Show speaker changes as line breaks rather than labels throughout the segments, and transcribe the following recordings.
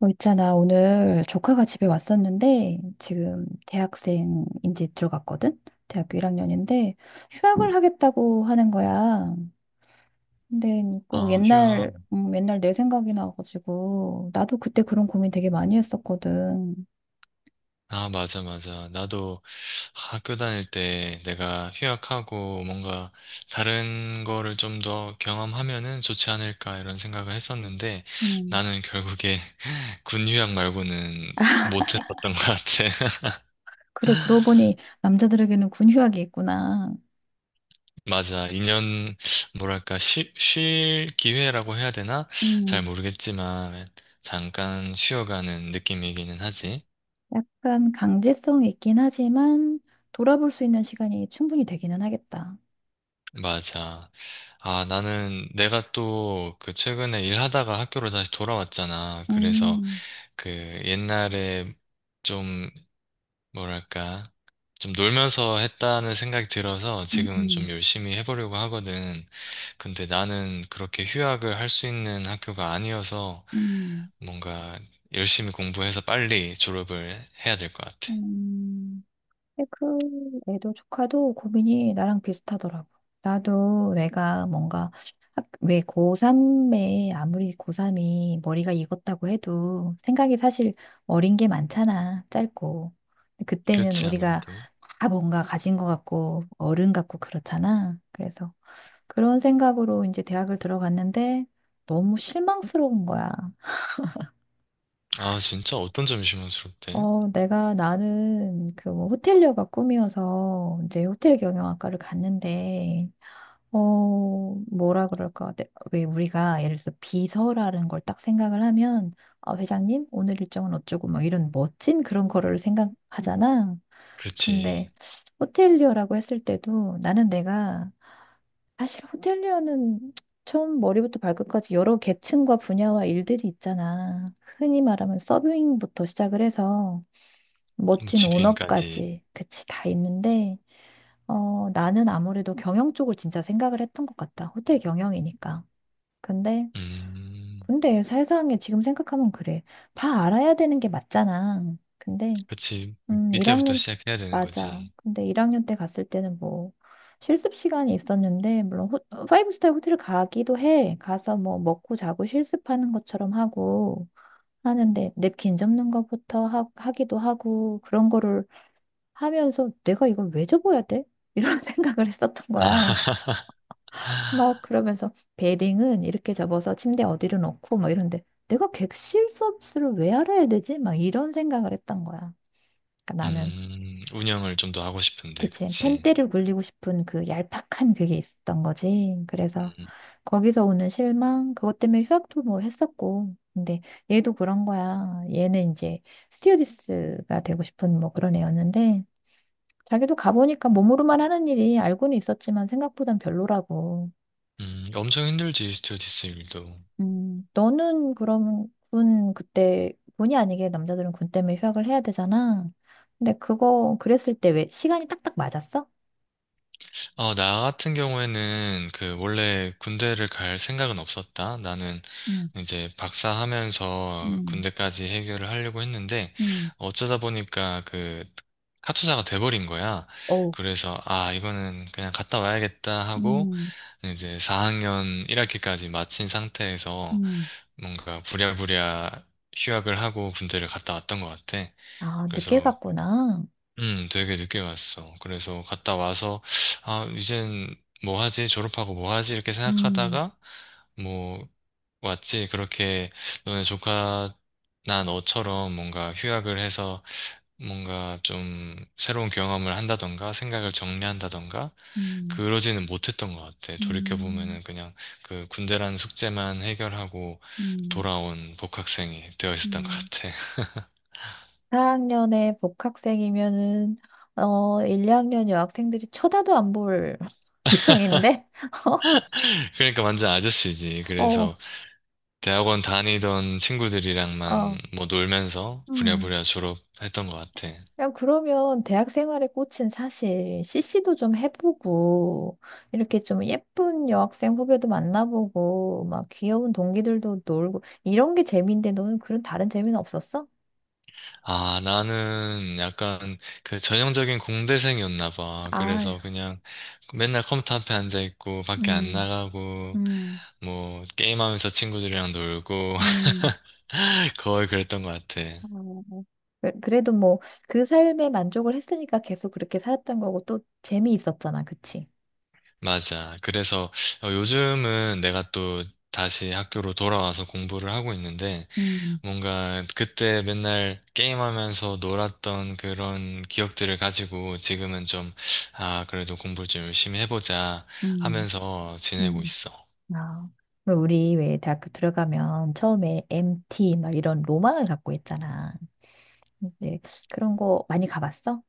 있잖아. 오늘 조카가 집에 왔었는데, 지금 대학생 이제 들어갔거든? 대학교 1학년인데, 휴학을 하겠다고 하는 거야. 근데 꼭
아, 휴학.
옛날 내 생각이 나가지고, 나도 그때 그런 고민 되게 많이 했었거든.
아, 맞아, 맞아. 나도 학교 다닐 때 내가 휴학하고 뭔가 다른 거를 좀 더 경험하면은 좋지 않을까 이런 생각을 했었는데
음.
나는 결국에 군 휴학 말고는 못했었던 것 같아.
그래, 그러고 보니 남자들에게는 군 휴학이 있구나.
맞아. 2년, 뭐랄까, 쉴 기회라고 해야 되나? 잘
음.
모르겠지만 잠깐 쉬어가는 느낌이기는 하지.
약간 강제성이 있긴 하지만, 돌아볼 수 있는 시간이 충분히 되기는 하겠다.
맞아. 아, 나는 내가 또 그 최근에 일하다가 학교로 다시 돌아왔잖아. 그래서
음,
그 옛날에 좀 뭐랄까 좀 놀면서 했다는 생각이 들어서
음,
지금은 좀
음.
열심히 해보려고 하거든. 근데 나는 그렇게 휴학을 할 수 있는 학교가 아니어서
음.
뭔가 열심히 공부해서 빨리 졸업을 해야 될 것 같아.
음, 근데 그 애도 조카도 고민이 나랑 비슷하더라고. 나도 내가 뭔가 왜 고3에 아무리 고3이 머리가 익었다고 해도 생각이 사실 어린 게 많잖아. 짧고. 근데 그때는
그렇지,
우리가
아무래도.
다 뭔가 가진 것 같고 어른 같고 그렇잖아. 그래서 그런 생각으로 이제 대학을 들어갔는데 너무 실망스러운 거야.
아, 진짜 어떤 점이 실망스럽대?
내가 나는 그 뭐 호텔리어가 꿈이어서 이제 호텔 경영학과를 갔는데, 뭐라 그럴까? 왜 우리가 예를 들어서 비서라는 걸 딱 생각을 하면, 아, 회장님, 오늘 일정은 어쩌고 막 이런 멋진 그런 거를 생각하잖아.
그렇지.
근데 호텔리어라고 했을 때도 나는 내가 사실 호텔리어는 처음 머리부터 발끝까지 여러 계층과 분야와 일들이 있잖아. 흔히 말하면 서빙부터 시작을 해서
뭐
멋진
지배인까지.
오너까지, 그치, 다 있는데, 나는 아무래도 경영 쪽을 진짜 생각을 했던 것 같다. 호텔 경영이니까. 근데,
음,
근데 세상에 지금 생각하면 그래. 다 알아야 되는 게 맞잖아. 근데,
그치. 밑에부터
1학년,
시작해야 되는
맞아.
거지.
근데 1학년 때 갔을 때는 뭐, 실습 시간이 있었는데, 물론, 파이브 스타 호텔을 가기도 해. 가서 뭐, 먹고 자고 실습하는 것처럼 하고, 하는데, 냅킨 접는 것부터 하기도 하고, 그런 거를 하면서 내가 이걸 왜 접어야 돼? 이런 생각을 했었던
아,
거야. 막 그러면서 베딩은 이렇게 접어서 침대 어디로 놓고 막 이런데 내가 객실 서비스를 왜 알아야 되지? 막 이런 생각을 했던 거야. 그러니까 나는
운영을 좀 더 하고 싶은데,
그치
그치.
펜대를 굴리고 싶은 그 얄팍한 그게 있었던 거지. 그래서
음,
거기서 오는 실망 그것 때문에 휴학도 뭐 했었고 근데 얘도 그런 거야. 얘는 이제 스튜어디스가 되고 싶은 뭐 그런 애였는데 자기도 가보니까 몸으로만 하는 일이 알고는 있었지만 생각보단 별로라고.
엄청 힘들지, 스튜어디스 일도.
너는 그럼 군 그때 군이 아니게 남자들은 군 때문에 휴학을 해야 되잖아. 근데 그거 그랬을 때 왜 시간이 딱딱 맞았어?
어, 나 같은 경우에는 그 원래 군대를 갈 생각은 없었다. 나는
음,
이제 박사하면서
음,
군대까지 해결을 하려고 했는데
음,
어쩌다 보니까 그 카투사가 돼버린 거야.
어,
그래서 아, 이거는 그냥 갔다 와야겠다 하고
음,
이제 4학년 1학기까지 마친 상태에서
음,
뭔가 부랴부랴 휴학을 하고 군대를 갔다 왔던 것 같아.
아, 늦게
그래서,
갔구나.
되게 늦게 갔어. 그래서 갔다 와서, 아, 이젠 뭐 하지? 졸업하고 뭐 하지? 이렇게
음,
생각하다가, 뭐, 왔지. 그렇게 너네 조카, 나 너처럼 뭔가 휴학을 해서 뭔가 좀 새로운 경험을 한다던가 생각을 정리한다던가
음,
그러지는 못했던 것 같아.
음,
돌이켜보면은 그냥 그 군대라는 숙제만 해결하고
음,
돌아온 복학생이 되어 있었던 것
음.
같아.
4학년에 복학생이면은 1, 2학년 여학생들이 쳐다도 안 볼 세상인데
그러니까 완전 아저씨지.
어,
그래서 대학원 다니던
어,
친구들이랑만 뭐 놀면서
음.
부랴부랴 졸업했던 것 같아.
그냥 그러면 대학 생활의 꽃은 사실 CC도 좀 해보고 이렇게 좀 예쁜 여학생 후배도 만나보고 막 귀여운 동기들도 놀고 이런 게 재미인데 너는 그런 다른 재미는 없었어?
아, 나는 약간 그 전형적인 공대생이었나 봐.
아유,
그래서 그냥 맨날 컴퓨터 앞에 앉아 있고 밖에 안
음,
나가고
음,
뭐 게임하면서 친구들이랑 놀고
음.
거의 그랬던 것 같아.
어, 그래도 뭐 그 삶에 만족을 했으니까 계속 그렇게 살았던 거고 또 재미있었잖아, 그치?
맞아. 그래서 어, 요즘은 내가 또 다시 학교로 돌아와서 공부를 하고 있는데
음,
뭔가 그때 맨날 게임하면서 놀았던 그런 기억들을 가지고 지금은 좀, 아, 그래도 공부를 좀 열심히 해보자
음,
하면서 지내고
음.
있어.
아. 왜 우리 왜 대학교 들어가면 처음에 MT 막 이런 로망을 갖고 있잖아. 근데 그런 거 많이 가봤어?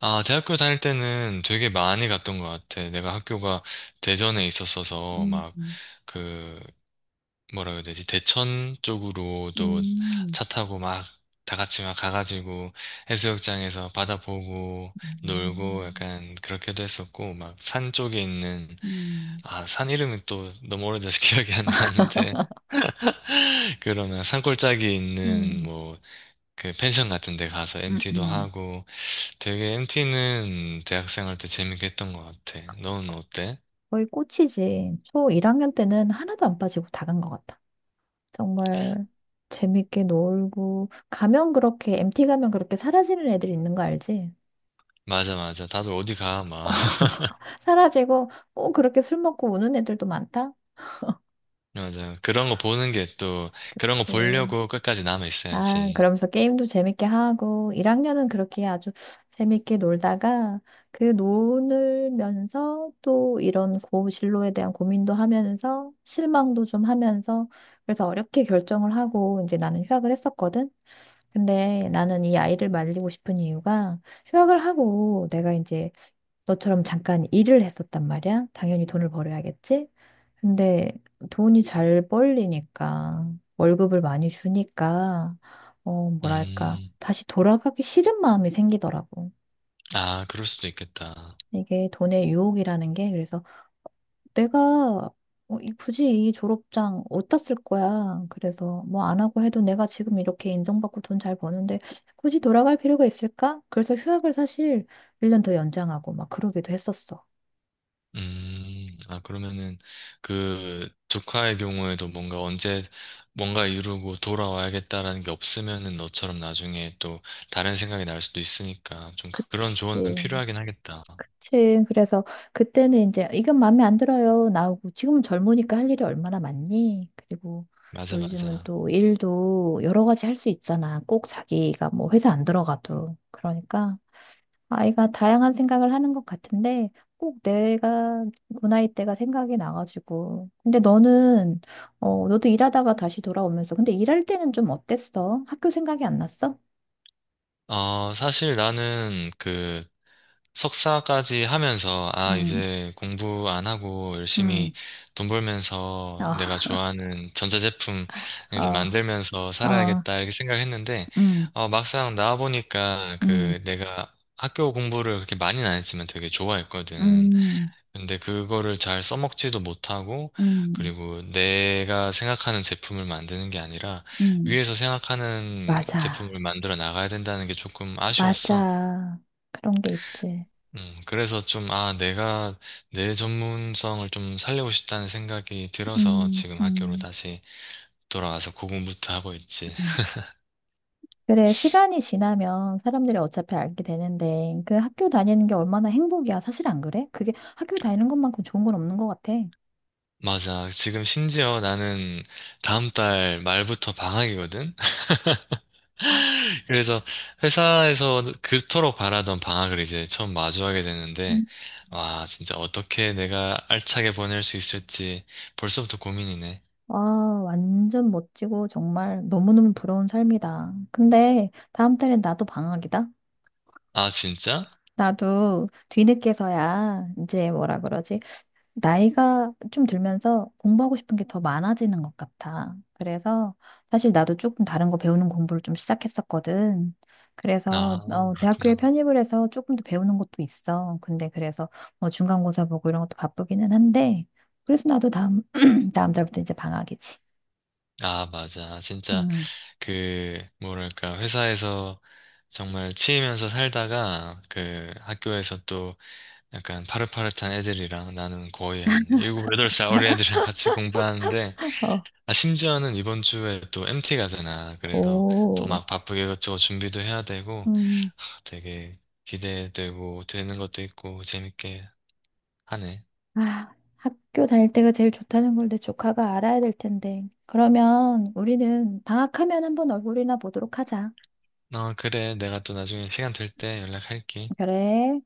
아, 대학교 다닐 때는 되게 많이 갔던 것 같아. 내가 학교가 대전에 있었어서
음,
막
음,
그 뭐라 그래야 되지? 대천 쪽으로도
음,
차 타고 막 다 같이 막 가가지고 해수욕장에서 바다 보고 놀고
음,
약간 그렇게도 했었고 막 산 쪽에 있는
음.
아, 산 이름이 또 너무 오래돼서 기억이 안 나는데 그러면 산골짜기에 있는
음,
뭐 그 펜션 같은 데 가서 MT도
음.
하고 되게 MT는 대학생 할 때 재밌게 했던 것 같아. 너는 어때?
거의 꽃이지. 초 1학년 때는 하나도 안 빠지고 다 간 것 같아. 정말 재밌게 놀고 가면 그렇게 MT 가면 그렇게 사라지는 애들 있는 거 알지?
맞아, 맞아, 다들 어디 가 막.
사라지고 꼭 그렇게 술 먹고 우는 애들도 많다.
맞아요. 그런 거 보는 게 또, 그런 거
그치.
보려고 끝까지 남아
아,
있어야지.
그러면서 게임도 재밌게 하고 1학년은 그렇게 아주 재밌게 놀다가 그 놀면서 또 이런 고진로에 대한 고민도 하면서 실망도 좀 하면서 그래서 어렵게 결정을 하고 이제 나는 휴학을 했었거든. 근데 나는 이 아이를 말리고 싶은 이유가 휴학을 하고 내가 이제 너처럼 잠깐 일을 했었단 말이야. 당연히 돈을 벌어야겠지. 근데 돈이 잘 벌리니까 월급을 많이 주니까 뭐랄까
음,
다시 돌아가기 싫은 마음이 생기더라고.
아, 그럴 수도 있겠다.
이게 돈의 유혹이라는 게 그래서 내가 굳이 이 졸업장 어디다 쓸 거야. 그래서 뭐 안 하고 해도 내가 지금 이렇게 인정받고 돈 잘 버는데 굳이 돌아갈 필요가 있을까? 그래서 휴학을 사실 1년 더 연장하고 막 그러기도 했었어.
아, 그러면은, 그, 조카의 경우에도 뭔가 언제, 뭔가 이루고 돌아와야겠다라는 게 없으면은 너처럼 나중에 또 다른 생각이 날 수도 있으니까 좀 그런 조언은
그치.
필요하긴 하겠다.
그치. 그래서 그때는 이제 이건 마음에 안 들어요. 나오고 지금은 젊으니까 할 일이 얼마나 많니? 그리고
맞아,
요즘은
맞아.
또 일도 여러 가지 할 수 있잖아. 꼭 자기가 뭐 회사 안 들어가도. 그러니까 아이가 다양한 생각을 하는 것 같은데 꼭 내가 그 나이 때가 생각이 나가지고. 근데 너는 너도 일하다가 다시 돌아오면서 근데 일할 때는 좀 어땠어? 학교 생각이 안 났어?
어, 사실 나는 그, 석사까지 하면서, 아,
음,
이제 공부 안 하고 열심히
음,
돈 벌면서 내가
아,
좋아하는 전자제품 이제
아,
만들면서
아,
살아야겠다, 이렇게 생각했는데,
음,
어, 막상 나와보니까
음,
그 내가 학교 공부를 그렇게 많이는 안 했지만 되게 좋아했거든.
음,
근데 그거를 잘 써먹지도 못하고,
음,
그리고 내가 생각하는 제품을 만드는 게 아니라,
음.
위에서 생각하는
맞아.
제품을 만들어 나가야 된다는 게 조금 아쉬웠어.
맞아. 그런 게 있지.
그래서 좀, 아, 내가 내 전문성을 좀 살리고 싶다는 생각이 들어서
음,
지금 학교로
음.
다시 돌아와서 고군분투 하고 있지.
그래, 시간이 지나면 사람들이 어차피 알게 되는데, 그 학교 다니는 게 얼마나 행복이야. 사실 안 그래? 그게 학교 다니는 것만큼 좋은 건 없는 것 같아.
맞아. 지금 심지어 나는 다음 달 말부터 방학이거든?
아,
그래서 회사에서 그토록 바라던 방학을 이제 처음 마주하게 되는데,
음.
와, 진짜 어떻게 내가 알차게 보낼 수 있을지 벌써부터 고민이네.
와, 완전 멋지고 정말 너무너무 부러운 삶이다. 근데 다음 달엔 나도 방학이다.
아, 진짜?
나도 뒤늦게서야 이제 뭐라 그러지? 나이가 좀 들면서 공부하고 싶은 게 더 많아지는 것 같아. 그래서 사실 나도 조금 다른 거 배우는 공부를 좀 시작했었거든.
아,
그래서 대학교에
그렇구나.
편입을 해서 조금 더 배우는 것도 있어. 근데 그래서 뭐 중간고사 보고 이런 것도 바쁘기는 한데 그래서 나도 다음 다음 달부터 이제 방학이지.
아, 맞아. 진짜
음.
그 뭐랄까 회사에서 정말 치이면서 살다가 그 학교에서 또 약간 파릇파릇한 애들이랑 나는 거의 한 7~8살 어린 애들이랑 같이 공부하는데
어,
아 심지어는 이번 주에 또 MT 가잖아. 그래서 또
오.
막 바쁘게 이것저것 준비도 해야 되고
음.
되게 기대되고 되는 것도 있고 재밌게 하네.
아, 학교 다닐 때가 제일 좋다는 걸 내 조카가 알아야 될 텐데. 그러면 우리는 방학하면 한번 얼굴이나 보도록 하자.
어, 그래. 내가 또 나중에 시간 될 때 연락할게.
그래.